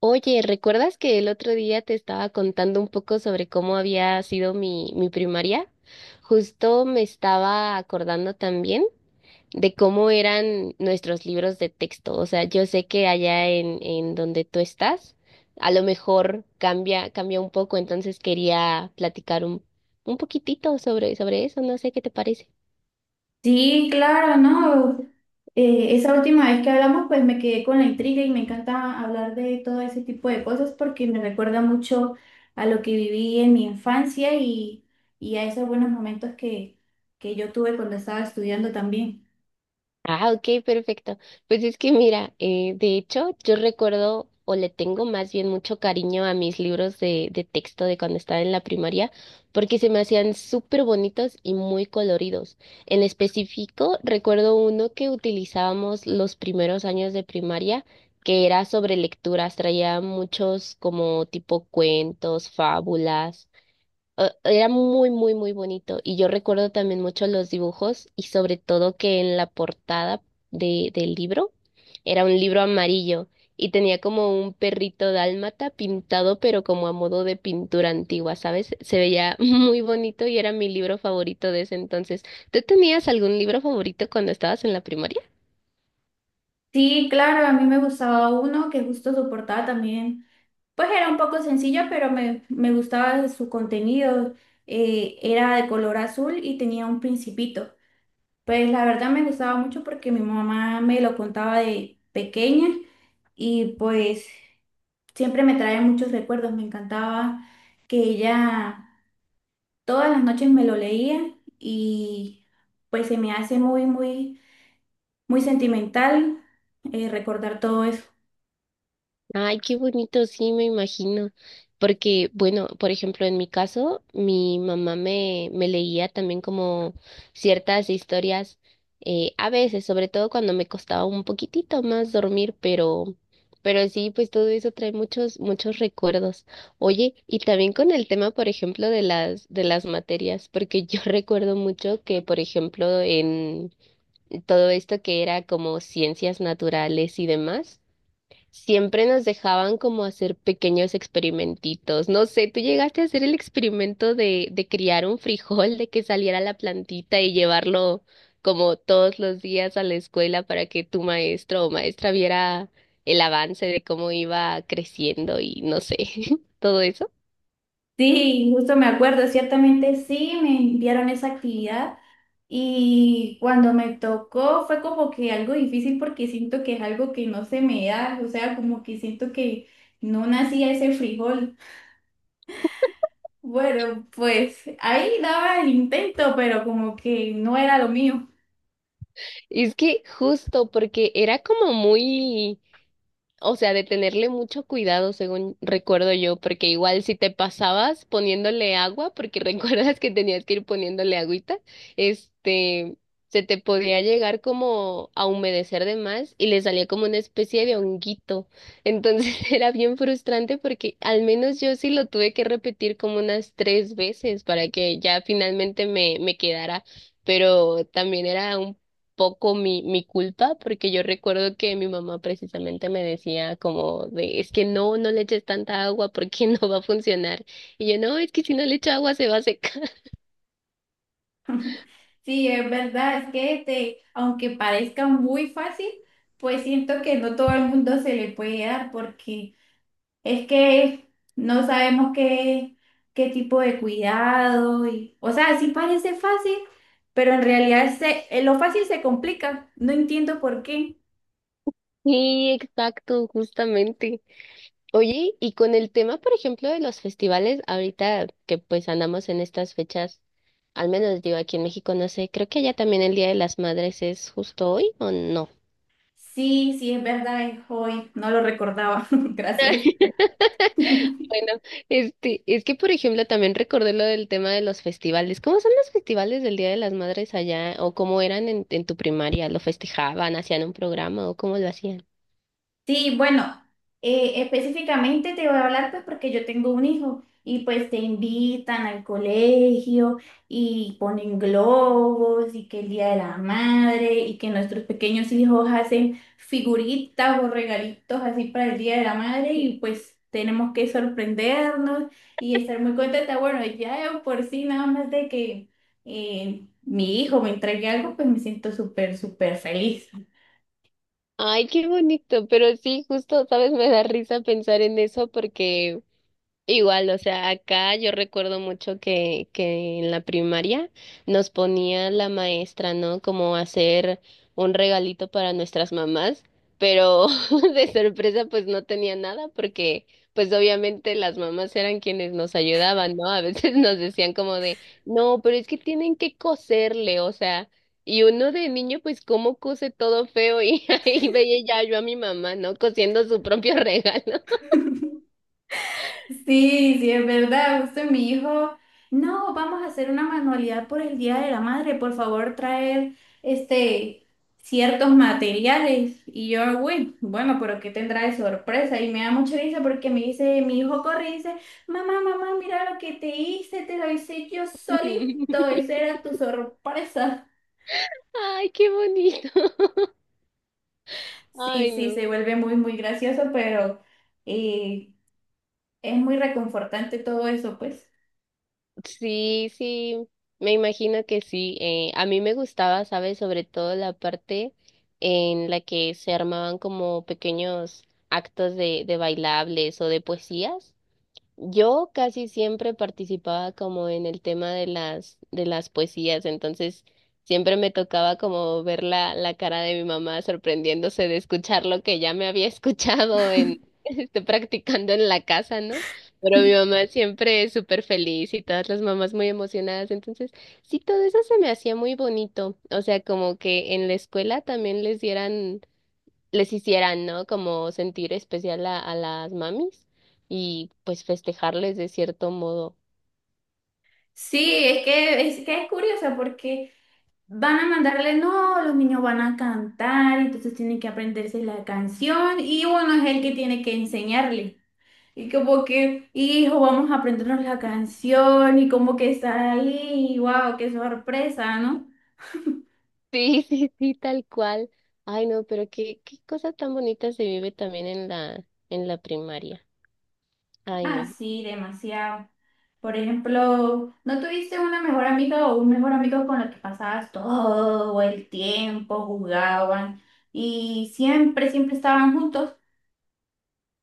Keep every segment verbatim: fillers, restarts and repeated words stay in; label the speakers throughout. Speaker 1: Oye, ¿recuerdas que el otro día te estaba contando un poco sobre cómo había sido mi, mi primaria? Justo me estaba acordando también de cómo eran nuestros libros de texto. O sea, yo sé que allá en, en donde tú estás, a lo mejor cambia, cambia un poco, entonces quería platicar un, un poquitito sobre, sobre eso. No sé qué te parece.
Speaker 2: Sí, claro, ¿no? Eh, esa última vez que hablamos, pues me quedé con la intriga y me encanta hablar de todo ese tipo de cosas porque me recuerda mucho a lo que viví en mi infancia y, y a esos buenos momentos que, que yo tuve cuando estaba estudiando también.
Speaker 1: Ah, ok, perfecto. Pues es que mira, eh, de hecho, yo recuerdo o le tengo más bien mucho cariño a mis libros de, de texto de cuando estaba en la primaria, porque se me hacían súper bonitos y muy coloridos. En específico, recuerdo uno que utilizábamos los primeros años de primaria, que era sobre lecturas, traía muchos como tipo cuentos, fábulas o- Era muy, muy, muy bonito. Y yo recuerdo también mucho los dibujos y sobre todo que en la portada de, del libro era un libro amarillo y tenía como un perrito dálmata pintado, pero como a modo de pintura antigua, ¿sabes? Se veía muy bonito y era mi libro favorito de ese entonces. ¿Tú tenías algún libro favorito cuando estabas en la primaria?
Speaker 2: Sí, claro, a mí me gustaba uno que justo soportaba también, pues era un poco sencillo, pero me, me gustaba su contenido. Eh, era de color azul y tenía un principito. Pues la verdad me gustaba mucho porque mi mamá me lo contaba de pequeña y pues siempre me trae muchos recuerdos. Me encantaba que ella todas las noches me lo leía y pues se me hace muy, muy, muy sentimental eh, recordar todo eso.
Speaker 1: Ay, qué bonito, sí, me imagino. Porque, bueno, por ejemplo, en mi caso, mi mamá me, me leía también como ciertas historias, eh, a veces, sobre todo cuando me costaba un poquitito más dormir, pero, pero sí, pues todo eso trae muchos, muchos recuerdos. Oye, y también con el tema, por ejemplo, de las, de las materias, porque yo recuerdo mucho que, por ejemplo, en todo esto que era como ciencias naturales y demás, siempre nos dejaban como hacer pequeños experimentitos. No sé, tú llegaste a hacer el experimento de, de criar un frijol, de que saliera la plantita y llevarlo como todos los días a la escuela para que tu maestro o maestra viera el avance de cómo iba creciendo y no sé, todo eso.
Speaker 2: Sí, justo me acuerdo, ciertamente sí, me enviaron esa actividad y cuando me tocó fue como que algo difícil porque siento que es algo que no se me da, o sea, como que siento que no nacía ese frijol. Bueno, pues ahí daba el intento, pero como que no era lo mío.
Speaker 1: Es que justo porque era como muy... O sea, de tenerle mucho cuidado, según recuerdo yo, porque igual si te pasabas poniéndole agua, porque recuerdas que tenías que ir poniéndole agüita, este, se te podía llegar como a humedecer de más y le salía como una especie de honguito. Entonces era bien frustrante porque al menos yo sí lo tuve que repetir como unas tres veces para que ya finalmente me, me quedara, pero también era un poco mi, mi culpa, porque yo recuerdo que mi mamá precisamente me decía como de, es que no, no le eches tanta agua porque no va a funcionar. Y yo, no, es que si no le echo agua se va a secar.
Speaker 2: Sí, es verdad, es que este, aunque parezca muy fácil, pues siento que no todo el mundo se le puede dar porque es que no sabemos qué, qué tipo de cuidado y, o sea, sí parece fácil, pero en realidad se, eh, lo fácil se complica. No entiendo por qué.
Speaker 1: Sí, exacto, justamente. Oye, y con el tema, por ejemplo, de los festivales, ahorita que pues andamos en estas fechas, al menos digo aquí en México, no sé, creo que allá también el Día de las Madres es justo hoy o no.
Speaker 2: Sí, sí, es verdad, es hoy. No lo recordaba. Gracias.
Speaker 1: Bueno, este, es que por ejemplo también recordé lo del tema de los festivales. ¿Cómo son los festivales del Día de las Madres allá? ¿O cómo eran en, en tu primaria? ¿Lo festejaban? ¿Hacían un programa? ¿O cómo lo hacían?
Speaker 2: Sí, bueno, eh, específicamente te voy a hablar pues porque yo tengo un hijo y pues te invitan al colegio y ponen globos y que el Día de la Madre y que nuestros pequeños hijos hacen figuritas o regalitos así para el Día de la Madre y pues tenemos que sorprendernos y estar muy contenta. Bueno, ya de por sí nada más de que eh, mi hijo me entregue algo pues me siento súper, súper feliz.
Speaker 1: Ay, qué bonito, pero sí, justo, sabes, me da risa pensar en eso porque... Igual, o sea, acá yo recuerdo mucho que, que en la primaria nos ponía la maestra, ¿no? Como hacer un regalito para nuestras mamás, pero de sorpresa pues no tenía nada porque pues obviamente las mamás eran quienes nos ayudaban, ¿no? A veces nos decían como de, no, pero es que tienen que coserle, o sea, y uno de niño pues cómo cose todo feo y ahí veía ya yo a mi mamá, ¿no? Cosiendo su propio regalo.
Speaker 2: Sí, sí, es verdad, justo mi hijo, no, vamos a hacer una manualidad por el Día de la Madre, por favor, traer este ciertos materiales. Y yo, uy, bueno, pero ¿qué tendrá de sorpresa? Y me da mucha risa porque me dice, mi hijo corre y dice, mamá, mamá, mira lo que te hice, te lo hice yo solito, esa era tu sorpresa.
Speaker 1: Ay, qué bonito. Ay,
Speaker 2: Sí, sí,
Speaker 1: no.
Speaker 2: se vuelve muy, muy gracioso, pero eh, es muy reconfortante todo eso, pues.
Speaker 1: Sí, sí, me imagino que sí. Eh, a mí me gustaba, ¿sabes? Sobre todo la parte en la que se armaban como pequeños actos de, de bailables o de poesías. Yo casi siempre participaba como en el tema de las, de las poesías, entonces siempre me tocaba como ver la, la cara de mi mamá sorprendiéndose de escuchar lo que ya me había escuchado en, este, practicando en la casa, ¿no? Pero mi mamá siempre es súper feliz y todas las mamás muy emocionadas, entonces sí, todo eso se me hacía muy bonito, o sea, como que en la escuela también les dieran les hicieran, ¿no? Como sentir especial a, a las mamis y pues festejarles de cierto modo.
Speaker 2: Sí, es que, es que es curioso porque van a mandarle, no, los niños van a cantar, entonces tienen que aprenderse la canción y bueno, es el que tiene que enseñarle. Y como que, hijo, vamos a aprendernos la canción y como que está ahí, wow, qué sorpresa, ¿no?
Speaker 1: Sí, sí, sí, tal cual. Ay, no, pero qué, qué cosa tan bonita se vive también en la, en la primaria. Ay,
Speaker 2: Ah,
Speaker 1: no.
Speaker 2: sí, demasiado. Por ejemplo, ¿no tuviste una mejor amiga o un mejor amigo con el que pasabas todo el tiempo, jugaban y siempre, siempre estaban juntos?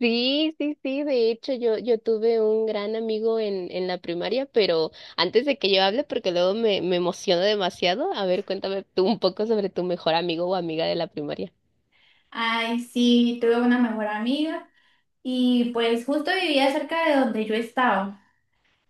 Speaker 1: Sí, sí, sí, de hecho yo, yo tuve un gran amigo en, en la primaria, pero antes de que yo hable, porque luego me, me emociono demasiado, a ver, cuéntame tú un poco sobre tu mejor amigo o amiga de la primaria.
Speaker 2: Ay, sí, tuve una mejor amiga y pues justo vivía cerca de donde yo estaba.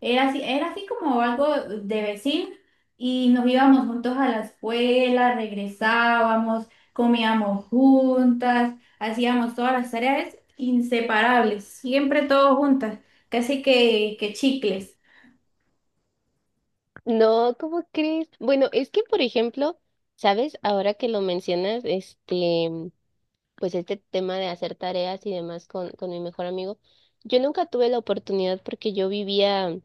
Speaker 2: Era así, era así como algo de vecino y nos íbamos juntos a la escuela, regresábamos, comíamos juntas, hacíamos todas las tareas inseparables, siempre todos juntas, casi que, que chicles.
Speaker 1: No, ¿cómo crees? Bueno, es que, por ejemplo, ¿sabes? Ahora que lo mencionas, este, pues este tema de hacer tareas y demás con, con mi mejor amigo, yo nunca tuve la oportunidad porque yo vivía,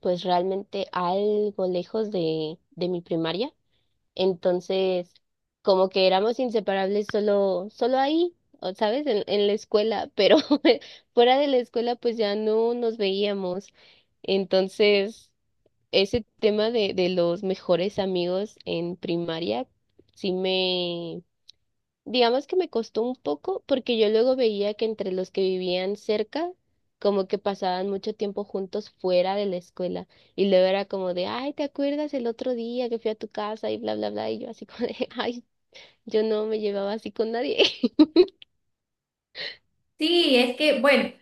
Speaker 1: pues realmente algo lejos de, de mi primaria. Entonces, como que éramos inseparables solo, solo ahí, o, ¿sabes? En, en la escuela, pero fuera de la escuela, pues ya no nos veíamos. Entonces ese tema de, de los mejores amigos en primaria sí me, digamos que me costó un poco porque yo luego veía que entre los que vivían cerca, como que pasaban mucho tiempo juntos fuera de la escuela y luego era como de, ay, ¿te acuerdas el otro día que fui a tu casa y bla, bla, bla? Y yo así como de, ay, yo no me llevaba así con nadie.
Speaker 2: Sí, es que, bueno,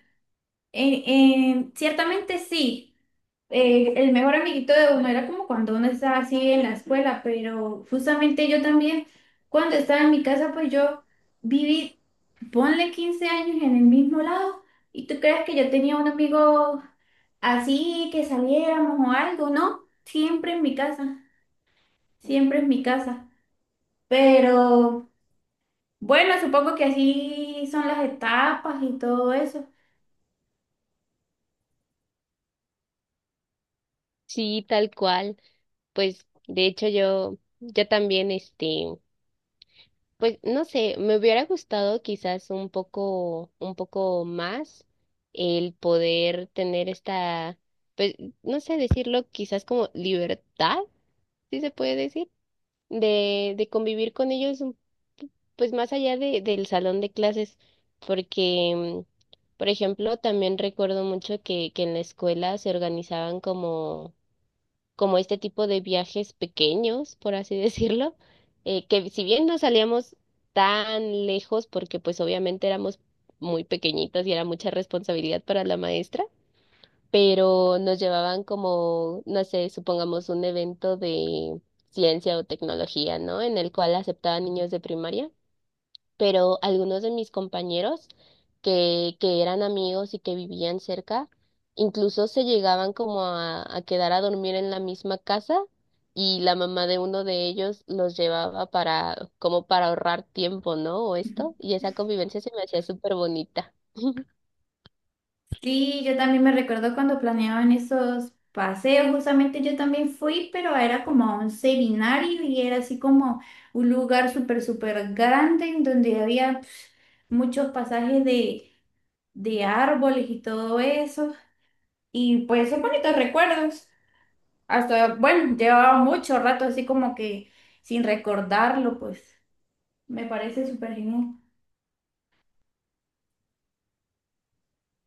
Speaker 2: en- en- ciertamente sí. Eh, el mejor amiguito de uno era como cuando uno estaba así en la escuela, pero justamente yo también, cuando estaba en mi casa, pues yo viví, ponle quince años en el mismo lado, y tú crees que yo tenía un amigo así, que saliéramos o algo, ¿no? Siempre en mi casa, siempre en mi casa. Pero bueno, supongo que así son las etapas y todo eso.
Speaker 1: Sí, tal cual. Pues de hecho yo, yo también, este... Pues no sé, me hubiera gustado quizás un poco, un poco más el poder tener esta, pues no sé decirlo, quizás como libertad, si se puede decir, de, de convivir con ellos, un- pues más allá de, del salón de clases, porque, por ejemplo, también recuerdo mucho que, que en la escuela se organizaban como este tipo de viajes pequeños, por así decirlo, eh, que si bien no salíamos tan lejos, porque pues obviamente éramos muy pequeñitos y era mucha responsabilidad para la maestra, pero nos llevaban como, no sé, supongamos un evento de ciencia o tecnología, ¿no? En el cual aceptaban niños de primaria, pero algunos de mis compañeros que, que eran amigos y que vivían cerca, incluso se llegaban como a, a quedar a dormir en la misma casa y la mamá de uno de ellos los llevaba para, como para ahorrar tiempo, ¿no? O esto, y esa convivencia se me hacía súper bonita.
Speaker 2: Sí, yo también me recuerdo cuando planeaban esos paseos, justamente yo también fui, pero era como a un seminario y era así como un lugar súper, súper grande en donde había pf, muchos pasajes de, de árboles y todo eso. Y pues son bonitos recuerdos. Hasta, bueno, llevaba mucho rato así como que sin recordarlo, pues me parece súper genial.